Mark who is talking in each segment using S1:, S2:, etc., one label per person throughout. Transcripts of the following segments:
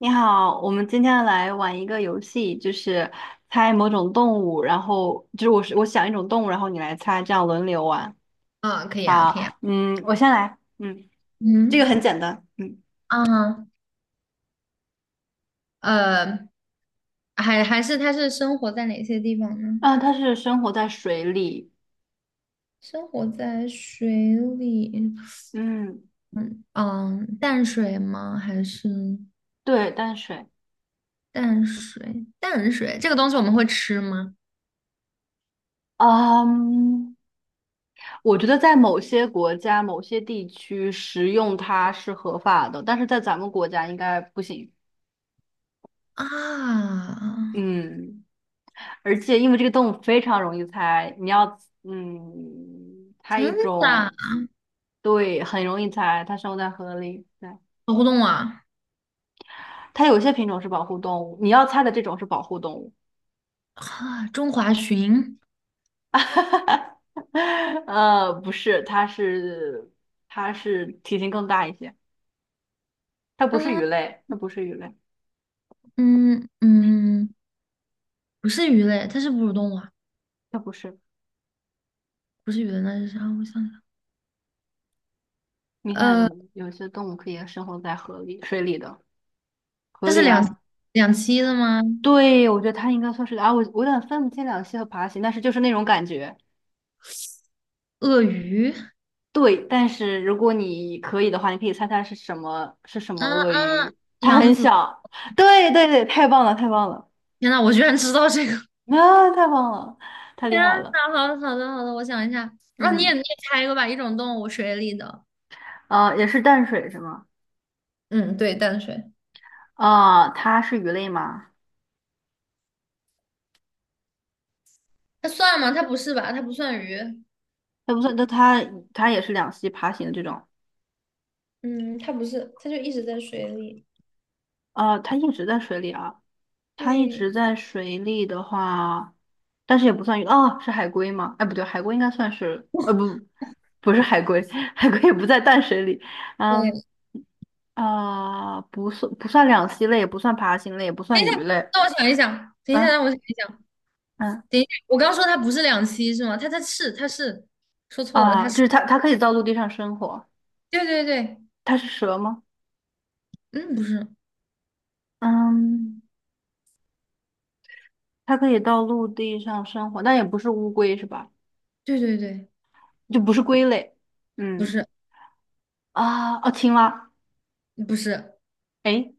S1: 你好，我们今天来玩一个游戏，就是猜某种动物，然后就是我想一种动物，然后你来猜，这样轮流玩。
S2: 啊，可以啊，可以啊。
S1: 好，我先来，这个
S2: 嗯，
S1: 很简单，
S2: 啊，呃，还是它是生活在哪些地方呢？
S1: 啊，它是生活在水里，
S2: 生活在水里，
S1: 嗯，
S2: 嗯，淡水吗？还是
S1: 对，淡水，
S2: 淡水？淡水这个东西我们会吃吗？
S1: 嗯，我觉得在某些国家、某些地区食用它是合法的，但是在咱们国家应该不行，
S2: 啊，
S1: 嗯。而且因为这个动物非常容易猜，你要猜
S2: 真
S1: 一
S2: 的啊，
S1: 种，对，很容易猜，它生活在河里，对，
S2: 好互动啊！
S1: 它有些品种是保护动物，你要猜的这种是保护动物，
S2: 啊，中华鲟，
S1: 不是它是体型更大一些，它不是鱼
S2: 嗯
S1: 类，它不是鱼类，
S2: 嗯嗯，不是鱼类，它是哺乳动物啊，
S1: 它不是，
S2: 不是鱼类，那是啥？我想想，
S1: 你看，
S2: 呃，
S1: 有些动物可以生活在河里、水里的，河
S2: 它是
S1: 里
S2: 两
S1: 啊，
S2: 两栖的吗？
S1: 对，我觉得它应该算是啊，我有点分不清两栖和爬行，但是就是那种感觉。
S2: 鳄鱼？
S1: 对，但是如果你可以的话，你可以猜它是什么
S2: 啊
S1: 鳄
S2: 啊，
S1: 鱼。它
S2: 杨
S1: 很
S2: 紫，
S1: 小，对对对，太棒了，太棒了，
S2: 天呐，我居然知道这个！
S1: 啊，太棒了，太厉
S2: 天呐，
S1: 害了。
S2: 好的好的好的，我想一下，啊，你也
S1: 嗯，
S2: 你也猜一个吧，一种动物，水里的，
S1: 也是淡水是吗？
S2: 嗯，对，淡水。
S1: 啊、它是鱼类吗？
S2: 它算吗？它不是吧？它不算鱼。
S1: 它不算，那它也是两栖爬行的这种。
S2: 嗯，它不是，它就一直在水里。
S1: 啊，它一直在水里啊，它一
S2: 对，
S1: 直在水里的话，但是也不算鱼哦，是海龟吗？哎，不对，海龟应该算是，不，不是海龟，海龟也不在淡水里。嗯，
S2: 对，
S1: 啊、不算不算两栖类，也不算爬行类，也不
S2: 等
S1: 算
S2: 一下，
S1: 鱼类。
S2: 让我想一想，等一下，
S1: 嗯
S2: 让我想一想，
S1: 嗯
S2: 等一下，我刚说它不是两栖是吗？它是，说错了，它
S1: 啊，就
S2: 是，
S1: 是它可以到陆地上生活。
S2: 对对对，
S1: 它是蛇吗？
S2: 嗯，不是，
S1: 嗯，它可以到陆地上生活，但也不是乌龟是吧？
S2: 对对对，
S1: 就不是龟类。
S2: 不
S1: 嗯
S2: 是
S1: 啊哦，青蛙。
S2: 不是，
S1: 诶，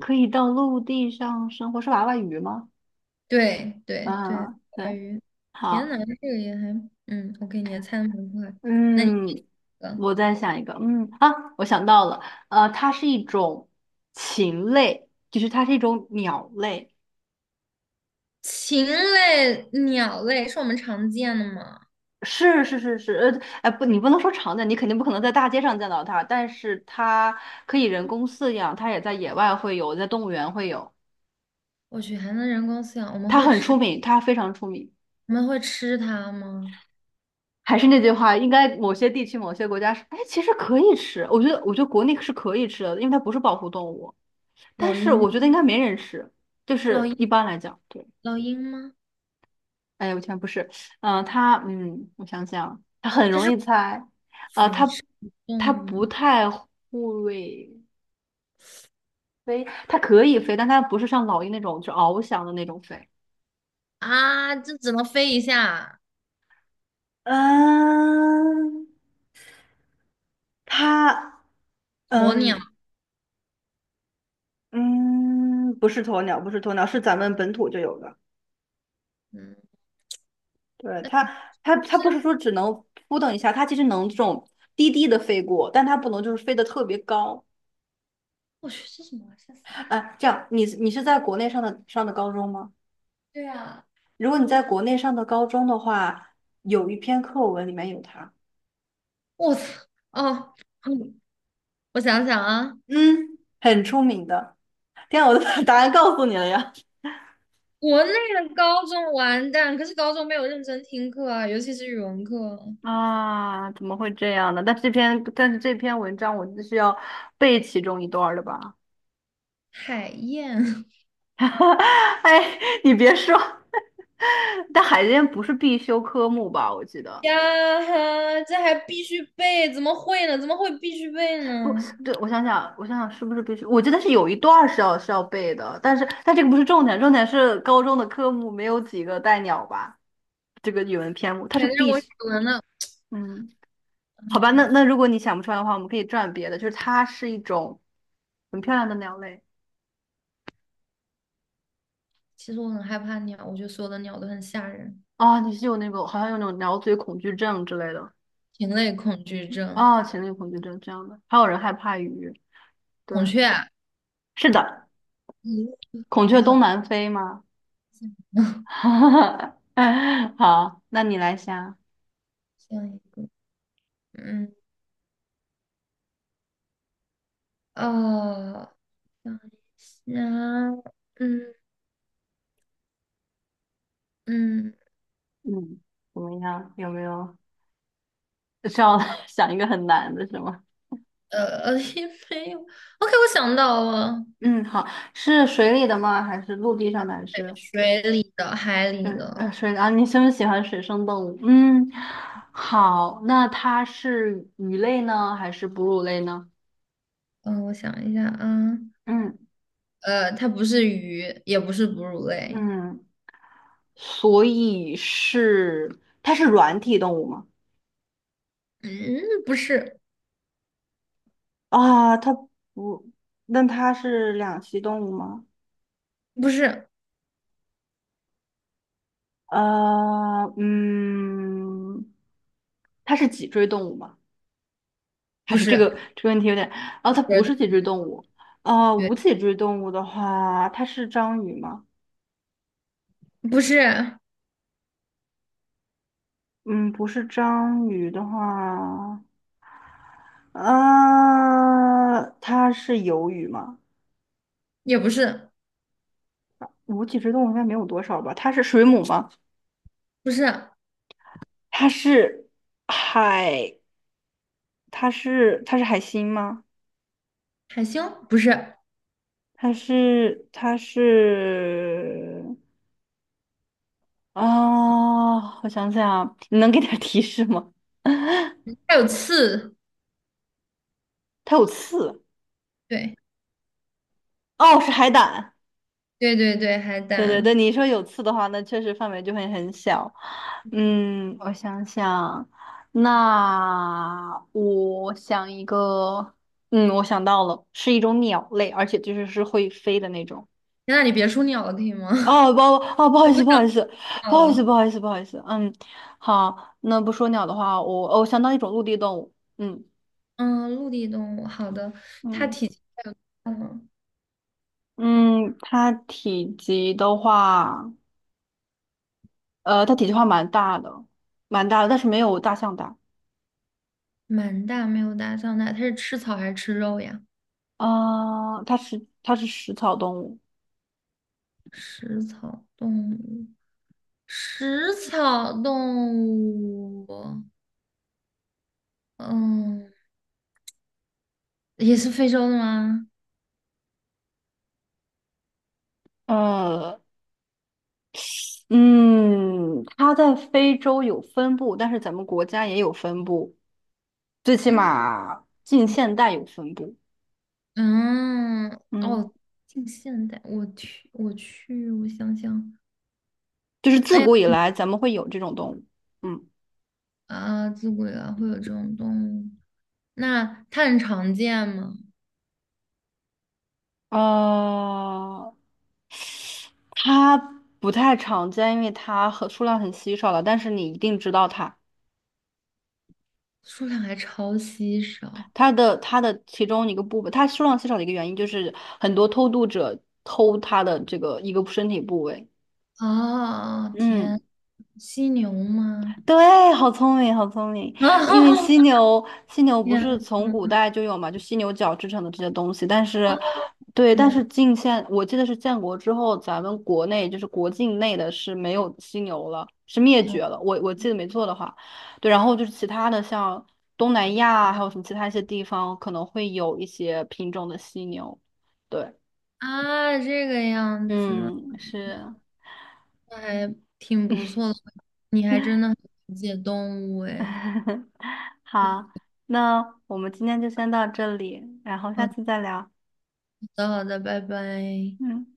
S1: 可以到陆地上生活，是娃娃鱼吗？
S2: 对对对，
S1: 嗯，
S2: 小
S1: 对，
S2: 鱼，天呐，
S1: 好。
S2: 这个也还，我给你还猜的蛮快。那你一
S1: 嗯，
S2: 个
S1: 我再想一个，啊，我想到了，它是一种禽类，就是它是一种鸟类，
S2: 禽类、鸟类是我们常见的吗？
S1: 是是是是，哎不，你不能说常见，你肯定不可能在大街上见到它，但是它可以人工饲养，它也在野外会有，在动物园会有，
S2: 我去，还能人工饲养？我们
S1: 它
S2: 会
S1: 很出
S2: 吃，
S1: 名，它非常出名。
S2: 我们会吃它吗？
S1: 还是那句话，应该某些地区、某些国家是，哎，其实可以吃，我觉得国内是可以吃的，因为它不是保护动物，但
S2: 老
S1: 是
S2: 鹰
S1: 我觉得应
S2: 吗？
S1: 该没人吃，就
S2: 老
S1: 是
S2: 鹰，
S1: 一般来讲，对。
S2: 老鹰吗？
S1: 哎，我全不是，我想想，他很
S2: 它
S1: 容
S2: 是
S1: 易猜，啊，
S2: 腐
S1: 他
S2: 食
S1: 他
S2: 动物
S1: 不太会飞，他可以飞，但他不是像老鹰那种就翱翔的那种飞，
S2: 啊，这只能飞一下。
S1: 嗯，它，
S2: 鸵鸟，
S1: 嗯嗯，不是鸵鸟，不是鸵鸟，是咱们本土就有的。
S2: 嗯，
S1: 对，
S2: 那
S1: 它，
S2: 肯
S1: 它，它不是说只能扑腾一下，它其实能这种低低的飞过，但它不能就是飞得特别高。
S2: 我去，这什么玩意儿吓死我了！
S1: 哎，这样，你是在国内上的高中吗？
S2: 对啊，
S1: 如果你在国内上的高中的话，有一篇课文里面有它，
S2: 我操，哦，嗯，我想想啊，
S1: 嗯很出名的。天啊，我都把答案告诉你了呀！
S2: 国内的高中完蛋，可是高中没有认真听课啊，尤其是语文课。
S1: 啊，怎么会这样呢？但是这篇文章我就是要背其中一段儿的吧？
S2: 海燕
S1: 哎，你别说，但海淀不是必修科目吧？我记得
S2: 呀哈，这还必须背，怎么会呢？怎么会必须背呢？
S1: 不对，我想想是不是必须？我记得是有一段儿是要背的，但这个不是重点，重点是高中的科目没有几个带鸟吧？这个语文篇目，它是
S2: 对，但是
S1: 必
S2: 我语
S1: 须，
S2: 文的，
S1: 嗯，
S2: 哎
S1: 好吧，
S2: 呀，
S1: 那如果你想不出来的话，我们可以转别的，就是它是一种很漂亮的鸟类
S2: 其实我很害怕鸟，我觉得所有的鸟都很吓人，
S1: 啊，你是有那个好像有那种鸟嘴恐惧症之类的
S2: 禽类恐惧症，
S1: 啊，禽类恐惧症这样的，还有人害怕鱼，对，
S2: 孔雀啊，
S1: 是的，
S2: 嗯，
S1: 孔
S2: 孔
S1: 雀
S2: 雀好
S1: 东南飞吗？
S2: 像
S1: 好，那你来想，
S2: 像一个，嗯，哦，想一下，嗯嗯，
S1: 嗯，怎么样？有没有需要 想一个很难的是吗？
S2: 也没有，OK，我想到了。
S1: 嗯，好，是水里的吗？还是陆地上的？还是？
S2: 水里的、海
S1: 水
S2: 里的，
S1: 呃水啊，你是不是喜欢水生动物？嗯，好，那它是鱼类呢，还是哺乳类呢？
S2: 嗯、我想一下啊，
S1: 嗯
S2: 呃，它不是鱼，也不是哺乳类，
S1: 嗯，所以它是软体动物吗？
S2: 嗯，不是，
S1: 啊，它不，那它是两栖动物吗？
S2: 不是，
S1: 呃，嗯，它是脊椎动物吗？还
S2: 不
S1: 是这个
S2: 是，
S1: 这个问题有点，哦，
S2: 不
S1: 它不
S2: 是，
S1: 是脊椎动物，
S2: 对，
S1: 无脊椎动物的话，它是章鱼吗？
S2: 不是，
S1: 嗯，不是章鱼的话，啊，它是鱿鱼吗？
S2: 也不是，
S1: 无脊椎动物应该没有多少吧？它是水母吗？
S2: 不是
S1: 它是海？它是海星吗？
S2: 海星，不是，
S1: 它是它是啊，我想想啊，你能给点提示吗？
S2: 它有刺，
S1: 它有刺
S2: 对，
S1: 哦，是海胆。
S2: 对对对，海
S1: 对对对，
S2: 胆。
S1: 你说有刺的话，那确实范围就会很小。我想想，那我想一个，我想到了，是一种鸟类，而且就是会飞的那种。
S2: 天呐，你别说鸟了，可以吗？
S1: 哦，不，哦，不好意
S2: 我不
S1: 思，不
S2: 想
S1: 好意思，不
S2: 鸟
S1: 好意思，
S2: 了。
S1: 不好意思，不好意思。嗯，好，那不说鸟的话，我想到一种陆地动物。嗯
S2: 嗯，陆地动物，好的，它
S1: 嗯
S2: 体积嗯
S1: 嗯，它体积的话，它体积的话蛮大的，蛮大的，但是没有大象大。
S2: 蛮大，没有大象大，它是吃草还是吃肉呀？
S1: 啊、它是食草动物。
S2: 食草动物。食草动物，嗯，也是非洲的吗？
S1: 呃，嗯，它在非洲有分布，但是咱们国家也有分布，最起
S2: 嗯
S1: 码近现代有分布。
S2: 嗯，
S1: 嗯，
S2: 哦，近现代，我去，我去，我想想，
S1: 就是自
S2: 哎呀，
S1: 古以来咱们会有这种动物。嗯，
S2: 啊，自古以来会有这种动物，那它很常见吗？
S1: 呃，它不太常见，因为数量很稀少了，但是你一定知道它。
S2: 数量还超稀少。
S1: 它的其中一个部分，它数量稀少的一个原因就是很多偷渡者偷它的这个一个身体部位。
S2: 哦，天，
S1: 嗯。
S2: 犀牛吗？
S1: 对，好聪明，好聪明。因为
S2: 哦，
S1: 犀牛不是
S2: 天
S1: 从古代就有嘛，就犀牛角制成的这些东西。但
S2: 啊，
S1: 是，对，但是近现，我记得是建国之后，咱们国内就是国境内的是没有犀牛了，是灭绝了。我记得没错的话，对。然后就是其他的，像东南亚啊还有什么其他一些地方，可能会有一些品种的犀牛。对，
S2: 啊，这个样子。
S1: 嗯，是。
S2: 那还挺不 错的，你还真的很了解动物哎。
S1: 好，那我们今天就先到这里，然后下
S2: 好
S1: 次再聊。
S2: 的，好的，拜拜。
S1: 嗯。